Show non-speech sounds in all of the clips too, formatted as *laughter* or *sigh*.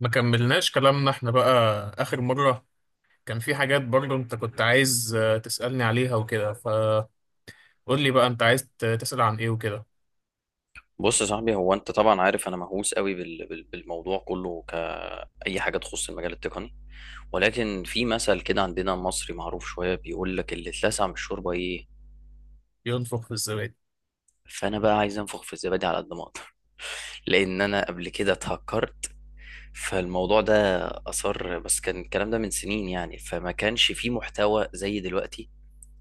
ما كملناش كلامنا احنا بقى، آخر مرة. كان في حاجات برضو انت كنت عايز تسألني عليها وكده، فقول لي بقى انت عايز تسأل عن ايه وكده. بص يا صاحبي، هو انت طبعا عارف انا مهووس قوي بالموضوع كله كأي حاجه تخص المجال التقني. ولكن في مثل كده عندنا مصري معروف شويه بيقول لك، اللي اتلسع من الشوربه ايه؟ ينفخ في الزبادي. فانا بقى عايز انفخ في الزبادي على قد ما اقدر *laughs* لان انا قبل كده اتهكرت، فالموضوع ده اثر. بس كان الكلام ده من سنين يعني، فما كانش فيه محتوى زي دلوقتي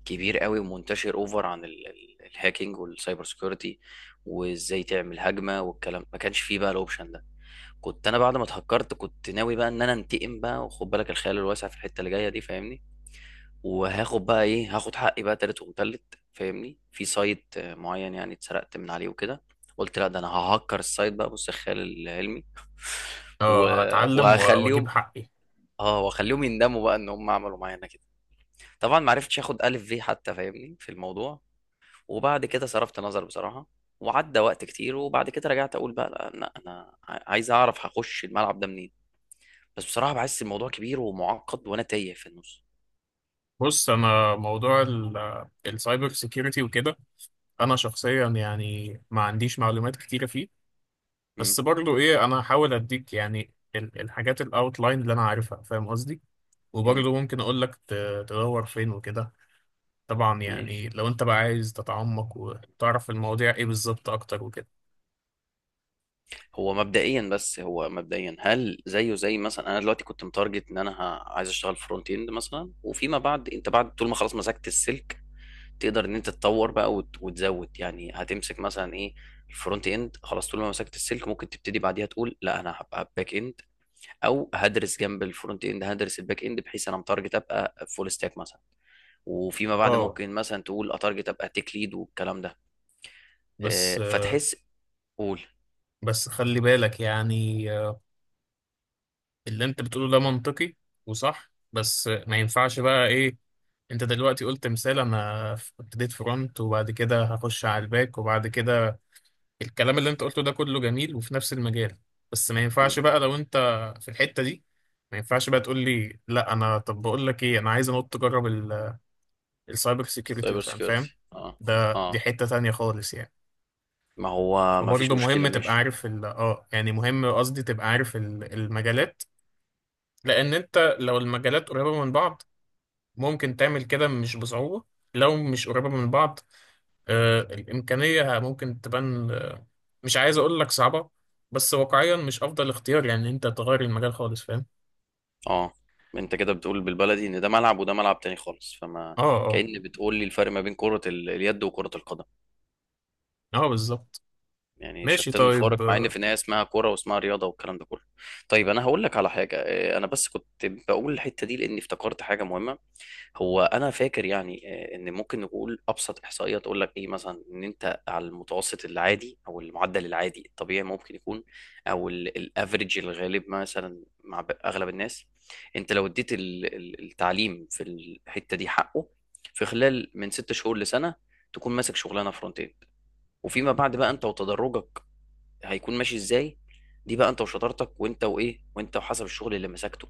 كبير قوي ومنتشر اوفر عن الهاكينج والسايبر سيكيورتي. وازاي تعمل هجمه والكلام، ما كانش فيه بقى الاوبشن ده. كنت انا بعد ما اتهكرت كنت ناوي بقى ان انا انتقم بقى، وخد بالك الخيال الواسع في الحته اللي جايه دي فاهمني. وهاخد بقى ايه، هاخد حقي بقى تالت ومتلت فاهمني، في سايت معين يعني اتسرقت من عليه وكده. قلت لا، ده انا ههكر السايت بقى، بص الخيال العلمي. *laughs* و... اه، هتعلم واجيب وهخليهم، حقي. اه واخليهم يندموا بقى ان هم عملوا معانا كده. طبعا ما عرفتش اخد الف في حتى فاهمني في الموضوع. وبعد كده صرفت نظر بصراحه، وعدى وقت كتير. وبعد كده رجعت اقول بقى لا، لا، انا عايز اعرف هخش الملعب ده منين. بس بصراحة بحس الموضوع كبير ومعقد، وأنا تايه في النص. بص، انا موضوع السايبر سيكيورتي وكده، انا شخصيا يعني ما عنديش معلومات كتيرة فيه. مم. بس برضو ايه، انا هحاول اديك يعني الحاجات الاوتلاين اللي انا عارفها، فاهم قصدي؟ مم. وبرضو ممكن اقول لك تدور فين وكده، طبعا ماشي. يعني لو انت بقى عايز تتعمق وتعرف المواضيع ايه بالظبط اكتر وكده. هو مبدئيا هل زيه زي مثلا أنا دلوقتي كنت متارجت إن أنا عايز أشتغل فرونت إند مثلا، وفيما بعد أنت بعد طول ما خلاص مسكت السلك، تقدر إن أنت تطور بقى وتزود يعني هتمسك مثلا إيه؟ الفرونت إند خلاص، طول ما مسكت السلك ممكن تبتدي بعديها تقول لا، أنا هبقى باك إند، أو هدرس جنب الفرونت إند، هدرس الباك إند بحيث أنا متارجت أبقى فول ستاك مثلا. وفيما بعد اه، ممكن مثلا تقول اتارجت ابقى تيك ليد والكلام ده. بس آه، فتحس. قول. بس خلي بالك، يعني اللي انت بتقوله ده منطقي وصح، بس ما ينفعش بقى ايه. انت دلوقتي قلت مثال، انا ابتديت فرونت وبعد كده هخش على الباك وبعد كده الكلام اللي انت قلته ده كله جميل وفي نفس المجال، بس ما ينفعش مم. بقى لو انت في الحتة دي، ما ينفعش بقى تقول لي لا، انا طب بقول لك ايه، انا عايز انط اجرب السايبر سيكيورتي سايبر مثلا، فاهم؟ سيكيورتي. اه ده دي اه حتة تانية خالص يعني. ما هو ما فيش فبرضه مشكلة. مهم تبقى ماشي. عارف ال اه يعني، مهم قصدي، تبقى عارف المجالات. لأن أنت لو المجالات قريبة من بعض، ممكن تعمل كده مش بصعوبة. لو مش قريبة من بعض، آه، الإمكانية ممكن تبان. مش عايز أقول لك صعبة، بس واقعيا مش أفضل اختيار، يعني أنت تغير المجال خالص، فاهم؟ اه، انت كده بتقول بالبلدي ان ده ملعب وده ملعب تاني خالص، فما اه، اه، كأن بتقول لي الفرق ما بين كرة اليد وكرة القدم. اه، بالظبط. يعني ماشي، شتان الفارق طيب. مع ان في النهاية اسمها كرة واسمها رياضة والكلام ده كله. طيب انا هقول لك على حاجة. انا بس كنت بقول الحتة دي لاني افتكرت حاجة مهمة. هو انا فاكر يعني، ان ممكن نقول ابسط احصائيه تقول لك ايه مثلا، ان انت على المتوسط العادي او المعدل العادي الطبيعي ممكن يكون، او الافريج الغالب مثلا مع اغلب الناس، انت لو اديت التعليم في الحته دي حقه، في خلال من 6 شهور لسنه، تكون ماسك شغلانه فرونت اند. وفيما بعد بقى انت وتدرجك هيكون ماشي ازاي، دي بقى انت وشطارتك، وانت وايه، وانت وحسب الشغل اللي مسكته.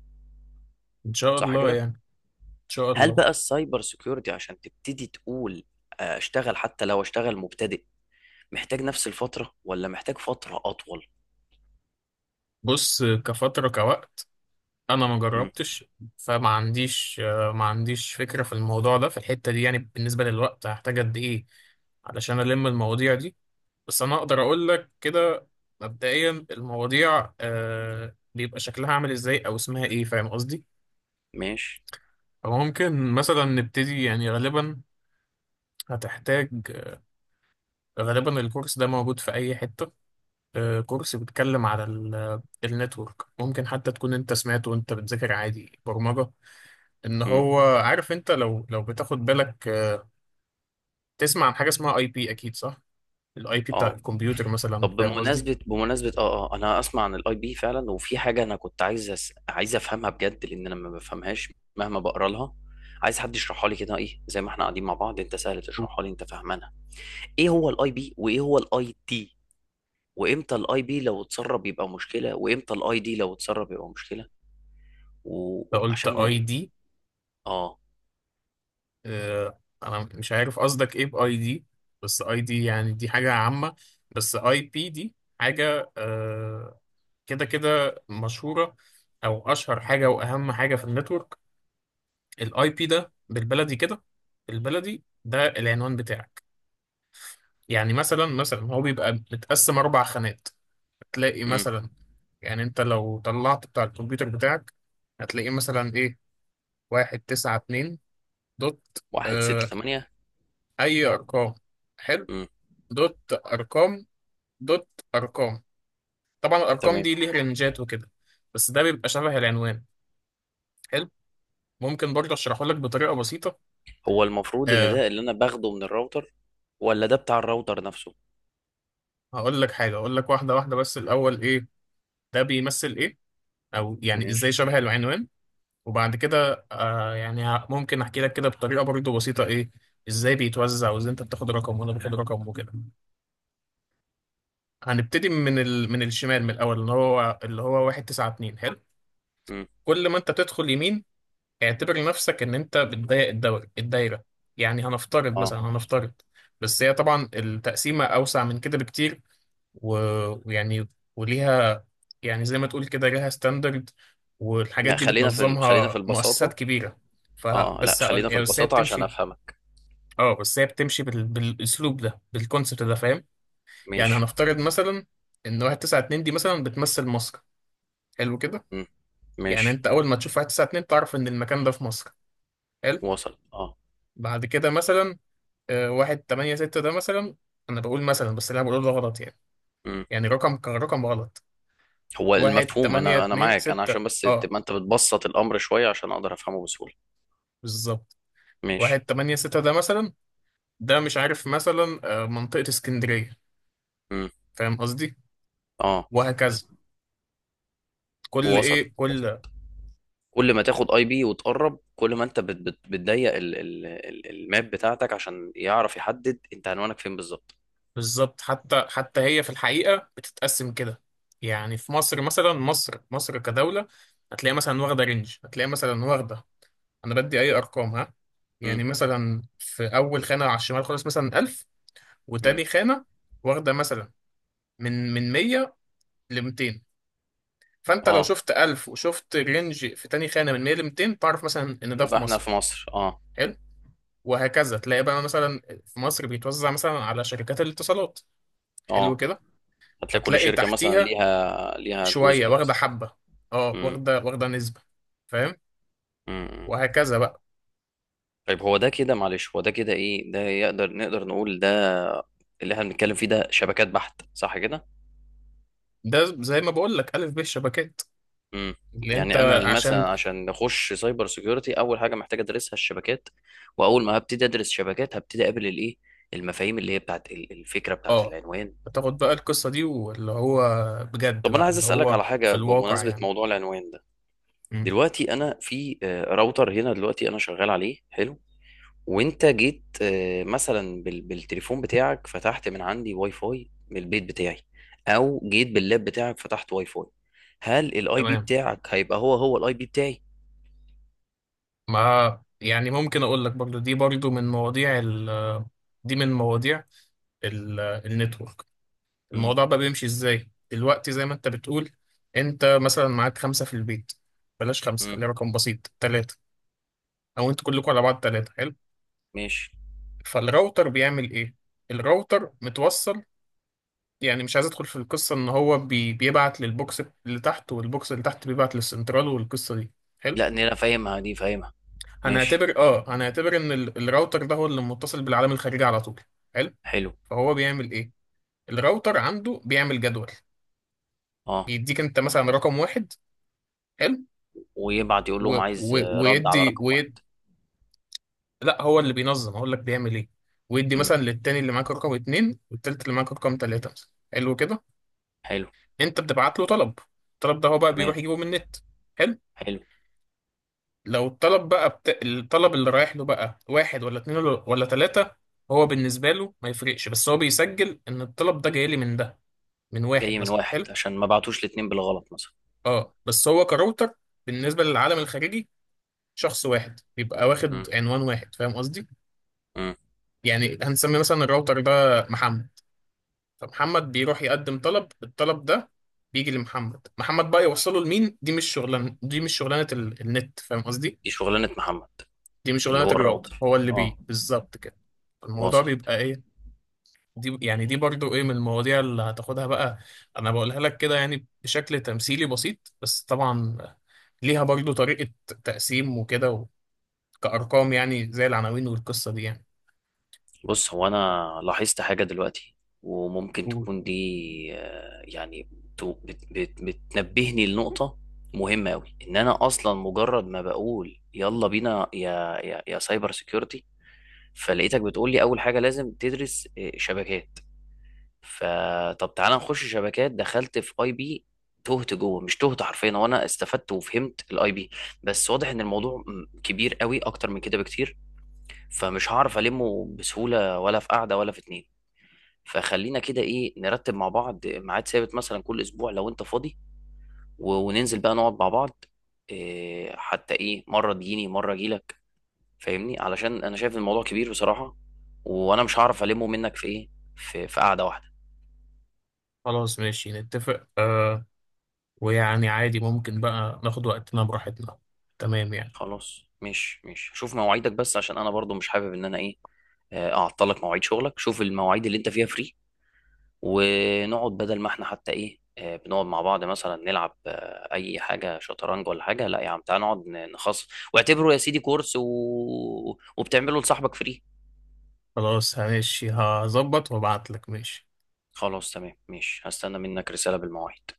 إن شاء صح الله، كده؟ يعني، إن شاء هل الله. بقى السايبر سيكيورتي عشان تبتدي تقول اشتغل، حتى لو اشتغل مبتدئ، محتاج نفس الفترة ولا محتاج فترة أطول؟ بص، كفترة، كوقت، انا ما مم. جربتش، فما عنديش آه، ما عنديش فكره في الموضوع ده، في الحته دي، يعني بالنسبه للوقت هحتاج قد ايه علشان الم المواضيع دي. بس انا اقدر اقول لك كده، مبدئيا المواضيع بيبقى شكلها عامل ازاي او اسمها ايه، فاهم قصدي؟ ماشي. فممكن مثلا نبتدي، يعني غالبا هتحتاج، غالبا الكورس ده موجود في اي حته. كورس بيتكلم على النتورك، ممكن حتى تكون انت سمعته وانت بتذاكر عادي برمجه، ان مم. هو عارف. انت لو بتاخد بالك تسمع عن حاجه اسمها اي بي، اكيد صح؟ الاي بي بتاع اه. الكمبيوتر مثلا، طب فاهم قصدي؟ بمناسبة انا اسمع عن الاي بي فعلا، وفي حاجة انا كنت عايز عايز افهمها بجد، لان انا ما بفهمهاش مهما بقرا لها. عايز حد يشرحها لي كده، ايه زي ما احنا قاعدين مع بعض، انت سهل تشرحها لي، انت فاهمانها. ايه هو الاي بي وايه هو الاي تي، وامتى الاي بي لو اتسرب يبقى مشكلة، وامتى الاي دي لو اتسرب يبقى مشكلة، فقلت وعشان اي ب... دي. اه انا مش عارف قصدك ايه باي دي، بس اي دي يعني دي حاجه عامه، بس اي بي دي حاجه كده كده مشهوره، او اشهر حاجه واهم حاجه في النتورك. الاي بي ده بالبلدي كده، بالبلدي ده العنوان بتاعك. يعني مثلا هو بيبقى متقسم اربع خانات، تلاقي امم. مثلا، يعني انت لو طلعت بتاع الكمبيوتر بتاعك، هتلاقيه مثلا ايه: واحد تسعة اتنين دوت. واحد ستة اه، تمانية اي ارقام، حلو، امم. دوت، ارقام، دوت، ارقام. طبعا الارقام تمام. دي ليه رنجات وكده، بس ده بيبقى شبه العنوان، حلو. ممكن برضه اشرحه لك بطريقة بسيطة. هو المفروض ان اه، ده اللي انا باخده من الراوتر، ولا ده بتاع الراوتر نفسه؟ هقول لك حاجة، اقول لك واحدة واحدة. بس الاول ايه ده بيمثل، ايه او يعني ازاي ماشي. شبه العنوان، وبعد كده ممكن احكي لك كده بطريقه برضه بسيطه ايه ازاي بيتوزع وازاي انت بتاخد رقم وانا باخد رقم وكده. هنبتدي من الشمال، من الاول، اللي هو 1 9 2، حلو. امم. كل ما انت تدخل يمين، اعتبر نفسك ان انت بتضيق الدور، الدايره. يعني هنفترض اه، مثلا، بس هي طبعا التقسيمه اوسع من كده بكتير، ويعني، وليها، يعني زي ما تقول كده ليها ستاندرد، والحاجات لا، دي خلينا في خلينا في بتنظمها مؤسسات البساطة. كبيرة. ف اه، لا، بس هقول- خلينا في يعني بس هي البساطة عشان بتمشي افهمك. اه، بس هي بتمشي بالاسلوب ده، بالكونسبت ده، فاهم؟ يعني ماشي. هنفترض مثلا ان 192 دي مثلا بتمثل مصر، حلو كده. امم. يعني ماشي. انت اول ما تشوف 192 تعرف ان المكان ده في مصر، حلو. وصل. اه. بعد كده مثلا 186 ده مثلا، انا بقول مثلا بس اللي انا بقوله ده غلط يعني، امم. يعني رقم كرقم غلط. هو 1 المفهوم 8 انا 2 معاك، انا 6. عشان بس اه، تبقى انت بتبسط الامر شوية عشان اقدر افهمه بسهولة. بالظبط. واحد ماشي. تمانية ستة ده مثلا، ده مش عارف مثلا منطقة اسكندرية، امم. فاهم قصدي؟ اه. وهكذا، وصلت. كل كل ما تاخد اي بي وتقرب، كل ما انت بت بت بتضيق ال ال ال الماب بتاعتك عشان يعرف يحدد انت عنوانك فين بالظبط. بالظبط. حتى هي في الحقيقة بتتقسم كده، يعني في مصر مثلا، مصر كدولة، هتلاقي مثلا واخدة رينج، هتلاقي مثلا واخدة. أنا بدي أي أرقام ها. مم، يعني مثلا في أول خانة على الشمال خالص مثلا 1000، مم. وتاني خانة واخدة مثلا من 100 ل 200. فانت لو اه، شفت 1000 وشفت رينج في تاني خانه من 100 ل 200، تعرف مثلا ان ده يبقى في احنا مصر، في مصر. اه. حلو. وهكذا تلاقي بقى مثلا في مصر بيتوزع مثلا على شركات الاتصالات، حلو اه، كده. هتلاقي كل فتلاقي شركة مثلا تحتيها ليها جزء شويه واخده مثلا. حبه، اه، مم، واخده نسبه، فاهم؟ مم، مم. وهكذا بقى. طيب، هو ده كده معلش هو ده كده ايه ده؟ نقدر نقول ده اللي احنا بنتكلم فيه ده شبكات بحت، صح كده؟ ده زي ما بقول لك الف ب الشبكات امم. اللي انت، يعني انا عشان. مثلا عشان اخش سايبر سيكيورتي اول حاجه محتاج ادرسها الشبكات. واول ما هبتدي ادرس شبكات هبتدي اقابل الايه، المفاهيم اللي هي بتاعت الفكره بتاعت اه، العنوان. بتاخد بقى القصه دي واللي هو، بجد طب انا بقى عايز اللي اسالك هو على في حاجه الواقع بمناسبه يعني. موضوع العنوان ده. مم. دلوقتي انا في راوتر هنا، دلوقتي انا شغال عليه. حلو. وانت جيت، مثلا بالتليفون بتاعك، فتحت من عندي واي فاي من البيت بتاعي، او جيت باللاب بتاعك فتحت واي فاي. هل الاي بي تمام. بتاعك هيبقى هو هو الاي بي بتاعي؟ ما يعني ممكن اقول لك برضو، دي من مواضيع النتورك. الموضوع بقى بيمشي ازاي دلوقتي، زي ما انت بتقول، انت مثلا معاك خمسة في البيت، بلاش خمسة، مم. خليه رقم بسيط: ثلاثة، او انتوا كلكم على بعض ثلاثة، حلو. ماشي. فالراوتر بيعمل ايه؟ الراوتر متوصل، يعني مش عايز ادخل في القصة ان هو بيبعت للبوكس اللي تحت والبوكس اللي تحت بيبعت للسنترال والقصة دي، حلو. لا، نيرة فاهمها دي فاهمها. ماشي. هنعتبر ان الراوتر ده هو اللي متصل بالعالم الخارجي على طول، حلو. حلو. فهو بيعمل ايه؟ الراوتر عنده بيعمل جدول، اه. بيديك انت مثلا رقم واحد، حلو. ويبعت يقول و... لهم و... عايز، رد على ويدي رقم واحد. ويد... لا، هو اللي بينظم، هقول لك بيعمل ايه. ويدي امم. مثلا للتاني اللي معاك رقم اتنين، والتالت اللي معاك رقم تلاتة مثلا، حلو كده. حلو. انت بتبعت له طلب، الطلب ده هو بقى تمام. بيروح يجيبه من النت، حلو. حلو. لو الطلب بقى الطلب اللي رايح له بقى واحد ولا اتنين ولا تلاتة، هو بالنسبة له ما يفرقش، بس هو بيسجل ان الطلب ده جاي لي من ده، من واحد جاي من مثلا، واحد، حلو. عشان ما بعتوش الاتنين بالغلط مثلا. اه، بس هو كراوتر، بالنسبة للعالم الخارجي شخص واحد بيبقى امم. واخد عنوان واحد، فاهم قصدي؟ امم. يعني هنسمي مثلا الراوتر ده محمد، فمحمد بيروح يقدم طلب، الطلب ده بيجي لمحمد، محمد بقى يوصله لمين. دي مش شغلانة النت، فاهم قصدي؟ دي شغلانة محمد. دي مش اللي شغلانة هو الراوتر، الراوتر. هو اللي بيه اه. بالظبط كده. الموضوع وصلت. بيبقى ايه، دي يعني دي برضو ايه من المواضيع اللي هتاخدها بقى. انا بقولها لك كده يعني بشكل تمثيلي بسيط، بس طبعا ليها برضو طريقة تقسيم وكده، كأرقام يعني، زي العناوين والقصة دي يعني. بص، هو انا لاحظت حاجة دلوقتي، وممكن قول. تكون دي، يعني بت بت بتنبهني لنقطة مهمة أوي، إن أنا أصلا مجرد ما بقول يلا بينا يا سايبر سيكيورتي، فلقيتك بتقول لي اول حاجه لازم تدرس شبكات. فطب تعالى نخش شبكات، دخلت في اي بي تهت جوه، مش تهت حرفيا وانا استفدت وفهمت الاي بي. بس واضح ان الموضوع كبير قوي اكتر من كده بكتير، فمش هعرف المه بسهوله ولا في قعده ولا في اتنين. فخلينا كده ايه، نرتب مع بعض ميعاد ثابت مثلا كل اسبوع لو انت فاضي، وننزل بقى نقعد مع بعض. إيه، حتى ايه، مره تجيني مره اجيلك فاهمني، علشان انا شايف الموضوع كبير بصراحة، وانا مش هعرف ألمه منك في ايه، في قعدة واحدة. خلاص ماشي، نتفق ويعني عادي، ممكن بقى ناخد وقتنا براحتنا، تمام يعني. خلاص، مش شوف مواعيدك، بس عشان انا برضو مش حابب ان انا ايه، اعطلك مواعيد شغلك، شوف المواعيد اللي انت فيها فري، ونقعد بدل ما احنا حتى ايه بنقعد مع بعض مثلا نلعب اي حاجة شطرنج ولا حاجة، لا يا عم تعال نقعد نخصص، واعتبره يا سيدي كورس، وبتعمله لصاحبك فري. خلاص ماشي، هظبط وابعتلك، ماشي. خلاص، تمام، ماشي، هستنى منك رسالة بالمواعيد.